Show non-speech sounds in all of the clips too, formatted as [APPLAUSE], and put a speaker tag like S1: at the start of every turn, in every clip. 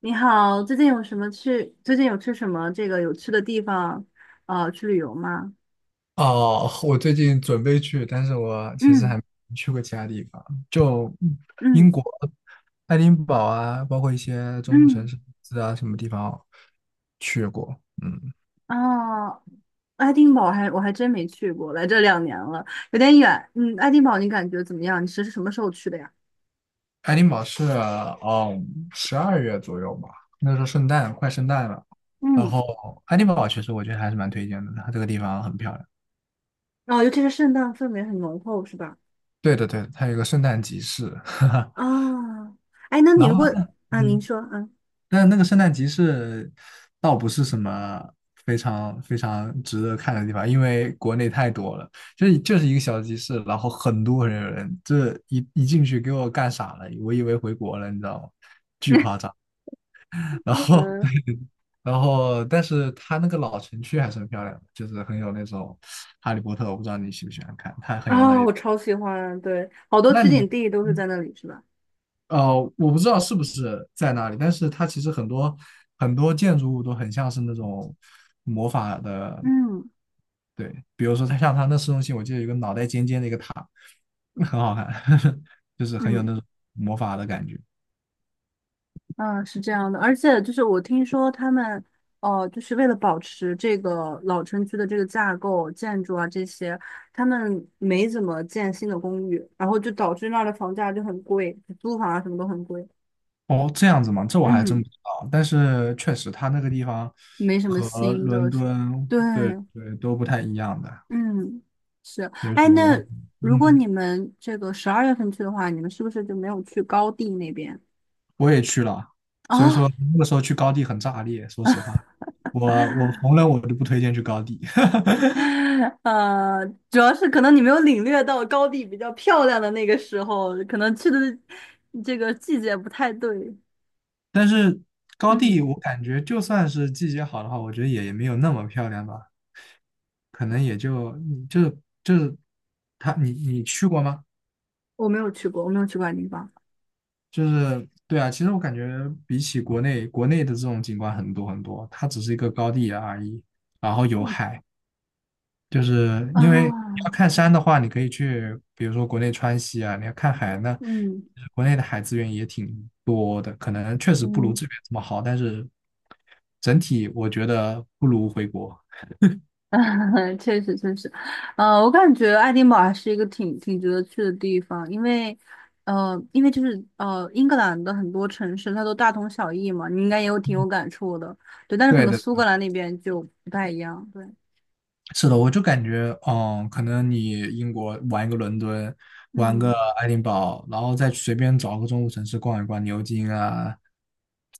S1: 你好，最近有去什么这个有趣的地方，啊？去旅游吗？
S2: 哦，我最近准备去，但是我其实还
S1: 嗯
S2: 没去过其他地方，就
S1: 嗯
S2: 英国爱丁堡啊，包括一些中部城
S1: 嗯，
S2: 市啊，什么地方去过。嗯，
S1: 啊，爱丁堡还我还真没去过，来这两年了，有点远。嗯，爱丁堡你感觉怎么样？你是什么时候去的呀？
S2: 爱丁堡是12月左右吧，那时候快圣诞了。然
S1: 嗯，
S2: 后爱丁堡其实我觉得还是蛮推荐的，它这个地方很漂亮。
S1: 哦，尤其是圣诞氛围很浓厚，是吧？
S2: 对的，对的，它有一个圣诞集市，
S1: 啊，哎，那
S2: [LAUGHS]
S1: 你
S2: 然
S1: 如
S2: 后
S1: 果，
S2: 呢，
S1: 啊，您
S2: 嗯。
S1: 说，嗯
S2: 但那个圣诞集市倒不是什么非常非常值得看的地方，因为国内太多了，就是一个小集市，然后很多人有人，这一进去给我干傻了，我以为回国了，你知道吗？
S1: [LAUGHS]
S2: 然后
S1: 嗯，
S2: [LAUGHS] 然后，但是它那个老城区还是很漂亮的，就是很有那种《哈利波特》，我不知道你喜不喜欢看，它很有那
S1: 啊，
S2: 一。
S1: 我超喜欢，对，好多
S2: 那
S1: 取
S2: 你
S1: 景地都是在那里，是吧？
S2: 我不知道是不是在那里，但是它其实很多很多建筑物都很像是那种魔法的，
S1: 嗯
S2: 对，比如说像它那市中心，我记得有个脑袋尖尖的一个塔，很好看，[LAUGHS] 就是很有
S1: 嗯。
S2: 那种魔法的感觉。
S1: 嗯，是这样的，而且就是我听说他们，哦，就是为了保持这个老城区的这个架构、建筑啊这些，他们没怎么建新的公寓，然后就导致那儿的房价就很贵，租房啊什么都很贵。
S2: 哦，这样子吗？这我还真
S1: 嗯，
S2: 不知道，但是确实它那个地方
S1: 没什么
S2: 和
S1: 新的，
S2: 伦敦，
S1: 对，
S2: 对对，都不太一样的，
S1: 嗯，是。
S2: 所以
S1: 哎，
S2: 说我，
S1: 那如果你
S2: 嗯。
S1: 们这个十二月份去的话，你们是不是就没有去高地那边？
S2: 我也去了，所以
S1: 哦，
S2: 说那个时候去高地很炸裂。说实话，我红人我都不推荐去高地，
S1: [LAUGHS] 呃，主要是可能你没有领略到高地比较漂亮的那个时候，可能去的这个季节不太对。
S2: [LAUGHS] 但是高地
S1: 嗯，
S2: 我感觉就算是季节好的话，我觉得也没有那么漂亮吧，可能也就就就是你去过吗？
S1: 我没有去过，我没有去过爱丁堡。
S2: 就是对啊，其实我感觉比起国内的这种景观很多很多，它只是一个高地而已，然后有
S1: 嗯
S2: 海。就是
S1: 啊，
S2: 因为你要看山的话，你可以去，比如说国内川西啊；你要看海呢，
S1: 嗯
S2: 国内的海资源也挺多的，可能确实不如
S1: 嗯，
S2: 这边这么好，但是整体我觉得不如回国。
S1: [LAUGHS] 确实确实，我感觉爱丁堡还是一个挺值得去的地方，因为就是英格兰的很多城市它都大同小异嘛，你应该也有挺有感触的，对，但是可
S2: 对
S1: 能
S2: 的，
S1: 苏格兰那边就不太一样，对，
S2: 是的，我就感觉，可能你英国玩一个伦敦，玩个
S1: 嗯。
S2: 爱丁堡，然后再随便找个中部城市逛一逛，牛津啊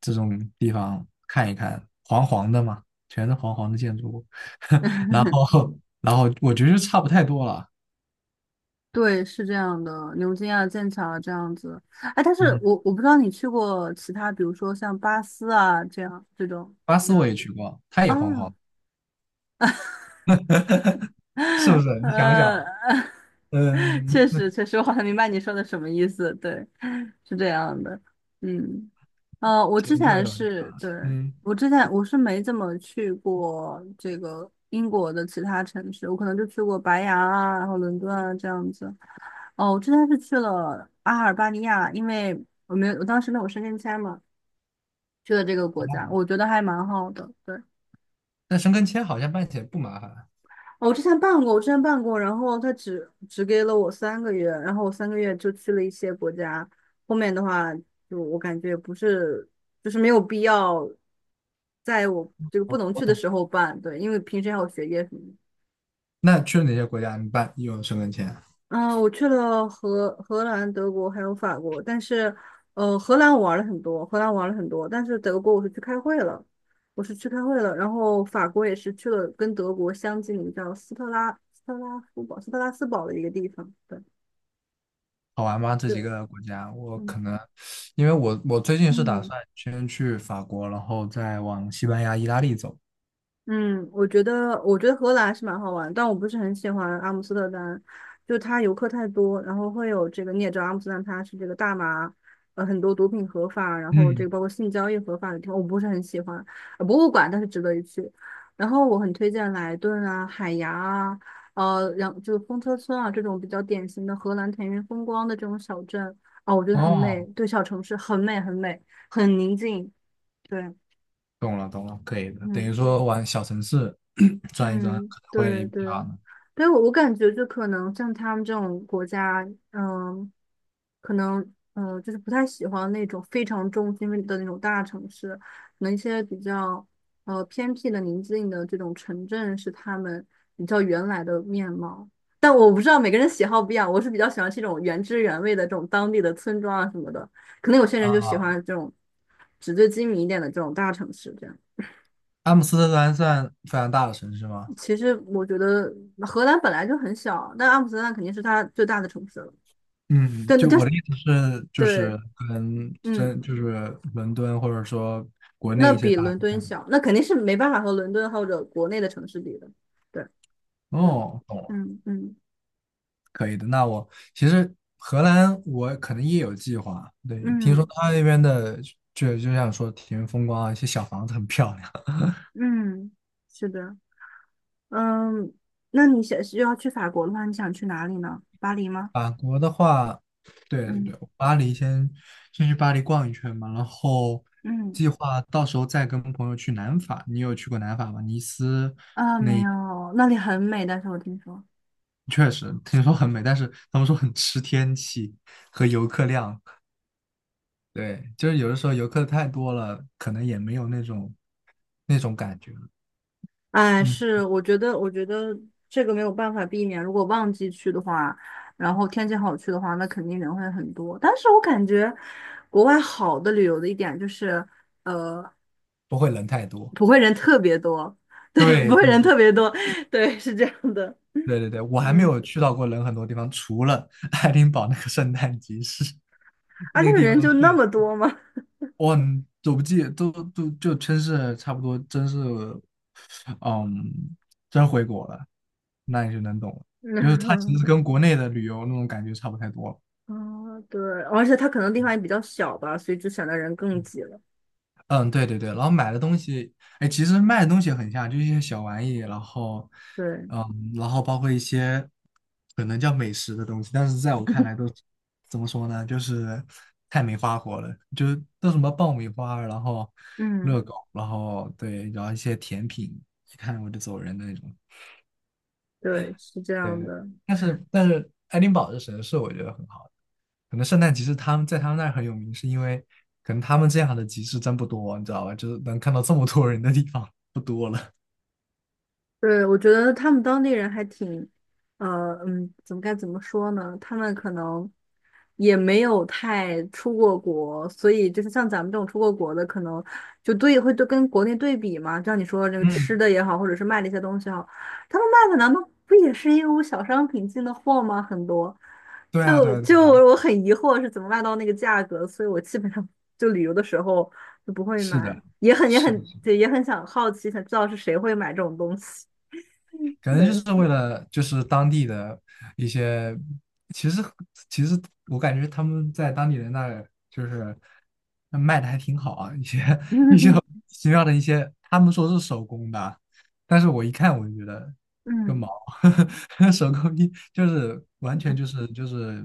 S2: 这种地方看一看，黄黄的嘛，全是黄黄的建筑物，[LAUGHS]
S1: [LAUGHS]
S2: 然后我觉得就差不太多了。
S1: 对，是这样的，牛津啊、剑桥啊这样子。哎，但是
S2: 嗯，
S1: 我不知道你去过其他，比如说像巴斯啊这样这种
S2: 巴斯我也去过，它也黄黄
S1: 啊，
S2: 的是不
S1: [LAUGHS]
S2: 是？你想
S1: 呃，
S2: 想，
S1: [LAUGHS]
S2: 嗯，
S1: 确实
S2: [LAUGHS]
S1: 确实，我好像明白你说的什么意思。对，是这样的。嗯，呃，我
S2: 解
S1: 之
S2: 决这
S1: 前
S2: 种地
S1: 是
S2: 方，
S1: 对
S2: 嗯，
S1: 我之前我是没怎么去过这个英国的其他城市，我可能就去过白牙啊，然后伦敦啊这样子。哦，我之前是去了阿尔巴尼亚，因为我没有，我当时没有申根签嘛，去了这个国家，我觉得还蛮好的。对，
S2: 那申根签好像办起来不麻烦。
S1: 哦我之前办过，我之前办过，然后他只给了我三个月，然后我三个月就去了一些国家，后面的话就我感觉不是，就是没有必要在我这个不
S2: 嗯，
S1: 能
S2: 我
S1: 去的
S2: 懂。
S1: 时候办，对，因为平时还有学业什么的。
S2: 那去了哪些国家？你办有申根签啊？
S1: 嗯，我去了荷兰、德国还有法国，但是，荷兰我玩了很多，荷兰玩了很多，但是德国我是去开会了，我是去开会了，然后法国也是去了跟德国相近，叫斯特拉斯堡的一个地方，对
S2: 好玩吗？这
S1: 对，
S2: 几个国家，我
S1: 嗯。
S2: 可能因为我最近是打
S1: 嗯，
S2: 算先去法国，然后再往西班牙、意大利走。
S1: 嗯，我觉得，我觉得荷兰是蛮好玩，但我不是很喜欢阿姆斯特丹，就它游客太多，然后会有这个，你也知道阿姆斯特丹它是这个大麻，很多毒品合法，然后这
S2: 嗯，
S1: 个包括性交易合法的地方，我不是很喜欢。博物馆倒是值得一去，然后我很推荐莱顿啊、海牙啊，然后就是风车村啊这种比较典型的荷兰田园风光的这种小镇，哦，我觉得很美，
S2: 哦，
S1: 对，小城市很美很美，很宁静，对，
S2: 懂了懂了，可以的，等于
S1: 嗯。
S2: 说往小城市 [CLEARS THROAT] 转一转，
S1: 嗯，
S2: 可能会
S1: 对对，
S2: 比较难
S1: 但我感觉就可能像他们这种国家，可能就是不太喜欢那种非常中心的那种大城市，可能一些比较偏僻的、宁静的这种城镇是他们比较原来的面貌。但我不知道每个人喜好不一样，我是比较喜欢这种原汁原味的这种当地的村庄啊什么的，可能有些人就喜欢
S2: 啊。
S1: 这种纸醉金迷一点的这种大城市这样。
S2: 阿姆斯特丹算非常大的城市吗？
S1: 其实我觉得荷兰本来就很小，但阿姆斯特丹肯定是它最大的城市了。
S2: 嗯，
S1: 真的
S2: 就
S1: 就
S2: 我的意思是，就
S1: 对，
S2: 是跟
S1: 嗯，
S2: 真就是伦敦或者说国
S1: 那
S2: 内一些
S1: 比
S2: 大
S1: 伦敦
S2: 城市。
S1: 小，那肯定是没办法和伦敦或者国内的城市比的。对，嗯
S2: 哦，懂了。
S1: 嗯嗯
S2: 可以的。其实荷兰我可能也有计划，对，听说
S1: 嗯
S2: 他那边的就像说田园风光啊，一些小房子很漂亮。
S1: 嗯，是的，嗯，那你想是要去法国的话，你想去哪里呢？巴黎吗？
S2: 法国的话，对对
S1: 嗯
S2: 对，巴黎先去巴黎逛一圈嘛，然后计
S1: 嗯，
S2: 划到时候再跟朋友去南法。你有去过南法吗？尼斯
S1: 啊，没有，那里很美，但是我听说。
S2: 确实听说很美，但是他们说很吃天气和游客量。对，就是有的时候游客太多了，可能也没有那种感觉了
S1: 哎，
S2: 嗯。
S1: 是，我觉得，我觉得这个没有办法避免。如果旺季去的话，然后天气好去的话，那肯定人会很多。但是我感觉国外好的旅游的一点就是，呃，
S2: 不会人太多。
S1: 不会人特别多，[LAUGHS] 对，不
S2: 对
S1: 会人
S2: 对
S1: 特别多，对，是这样的，
S2: 对对我还没
S1: 嗯，
S2: 有去到过人很多地方，除了 [LAUGHS] 爱丁堡那个圣诞集市
S1: 啊，
S2: 那
S1: 那
S2: 个
S1: 个
S2: 地方
S1: 人就
S2: 去，
S1: 那么多吗？
S2: 我很走不记都就真是差不多，真是嗯，真回国了，那你就能懂了，
S1: [LAUGHS]
S2: 就是它其
S1: 嗯，
S2: 实跟国内的旅游那种感觉差不太多了。
S1: 哦，对，而且它可能地方也比较小吧，所以就显得人更挤了。
S2: 嗯，对对对，然后买的东西，哎，其实卖的东西很像，就是一些小玩意，然后，
S1: 对，
S2: 嗯，然后包括一些可能叫美食的东西，但是在我看来都怎么说呢，就是太没花活了，就是都什么爆米花，然后
S1: 嗯，
S2: 热狗，然后对，然后一些甜品，一看我就走人的那种。
S1: 对，是这
S2: 对
S1: 样
S2: 对，
S1: 的。
S2: 但是爱丁堡这神社，我觉得很好，可能圣诞集市他们在他们那儿很有名，是因为可能他们这样的集市真不多，你知道吧？就是能看到这么多人的地方不多了。
S1: 对，我觉得他们当地人还挺，该怎么说呢？他们可能也没有太出过国，所以就是像咱们这种出过国的，可能会对跟国内对比嘛。像你说那个吃
S2: 嗯，
S1: 的也好，或者是卖的一些东西也好，他们卖的难道不也是义乌小商品进的货吗？很多，
S2: 对啊，对
S1: 就
S2: 啊，对
S1: 就
S2: 啊，
S1: 我很疑惑是怎么卖到那个价格，所以我基本上就旅游的时候就不会
S2: 是
S1: 买，
S2: 的，
S1: 也很也
S2: 是
S1: 很
S2: 的
S1: 对，也很想好奇，想知道是谁会买这种东西。
S2: 可能就
S1: 对，
S2: 是为了就是当地的一些，其实其实我感觉他们在当地人那儿就是卖的还挺好啊，一些 [LAUGHS] 一些
S1: [LAUGHS]
S2: 奇妙的一些，他们说是手工的，但是我一看我就觉得个毛，
S1: 嗯，
S2: [LAUGHS] 手工艺就是完全就是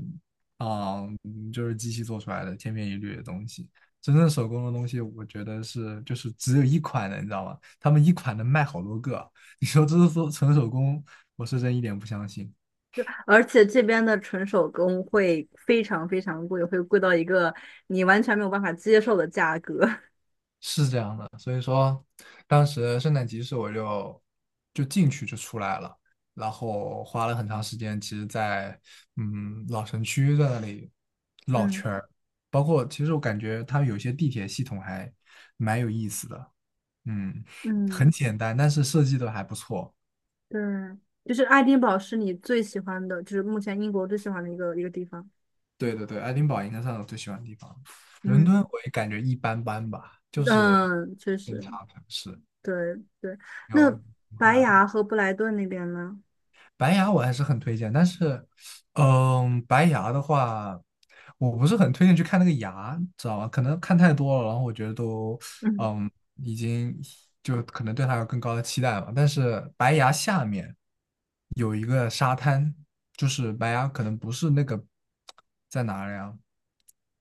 S2: 就是机器做出来的千篇一律的东西。真正手工的东西，我觉得是就是只有一款的，你知道吗？他们一款能卖好多个，你说这是说纯手工，我是真一点不相信。
S1: 而且这边的纯手工会非常非常贵，会贵到一个你完全没有办法接受的价格。[LAUGHS]
S2: 是这样的，所以说当时圣诞集市我就进去就出来了，然后花了很长时间，其实在老城区在那里绕
S1: 嗯
S2: 圈儿，包括其实我感觉它有些地铁系统还蛮有意思的，嗯，
S1: 嗯，
S2: 很简单，但是设计的还不错。
S1: 对，就是爱丁堡是你最喜欢的，就是目前英国最喜欢的一个地方。
S2: 对对对，爱丁堡应该是我最喜欢的地方，伦敦
S1: 嗯
S2: 我也感觉一般般吧，就是
S1: 嗯，确
S2: 偏
S1: 实，
S2: 差城市，
S1: 对对。那
S2: 有
S1: 白崖和布莱顿那边呢？
S2: 白牙我还是很推荐，但是，白牙的话，我不是很推荐去看那个牙，知道吧？可能看太多了，然后我觉得都，
S1: 嗯
S2: 嗯，已经就可能对它有更高的期待嘛。但是白牙下面有一个沙滩，就是白牙可能不是那个在哪里啊？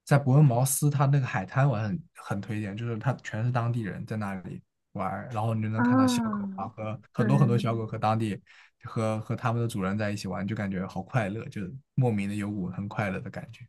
S2: 在伯恩茅斯，它那个海滩我很推荐，就是它全是当地人在那里玩儿然后你就能看到小狗
S1: 啊，
S2: 啊和
S1: 对。
S2: 很多很多小狗和当地和他们的主人在一起玩，就感觉好快乐，就莫名的有股很快乐的感觉。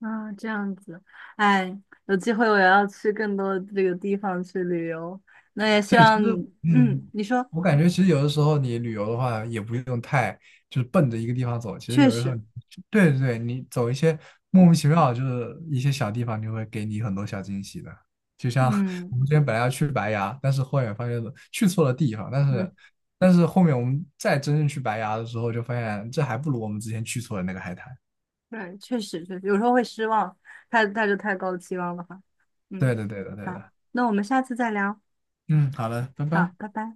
S1: 啊，这样子，哎，有机会我也要去更多这个地方去旅游。那也希
S2: 对，其
S1: 望，
S2: 实嗯，
S1: 你说，
S2: 我感觉其实有的时候你旅游的话，也不用太就是奔着一个地方走，其实
S1: 确
S2: 有的时候，
S1: 实，
S2: 对对对，你走一些莫名其妙，就是一些小地方，就会给你很多小惊喜的。就像 [LAUGHS]
S1: 嗯
S2: 我们之前本来要去白崖，但是后面发现去错了地方，但是
S1: 嗯，
S2: 但是后面我们再真正去白崖的时候，就发现这还不如我们之前去错的那个海滩。
S1: 对，确实确实，有时候会失望，太带着太高的期望的话，
S2: 对
S1: 嗯，
S2: 的，对的，对
S1: 好，
S2: 的。
S1: 那我们下次再聊，
S2: 嗯，好了，拜
S1: 好，
S2: 拜。
S1: 拜拜。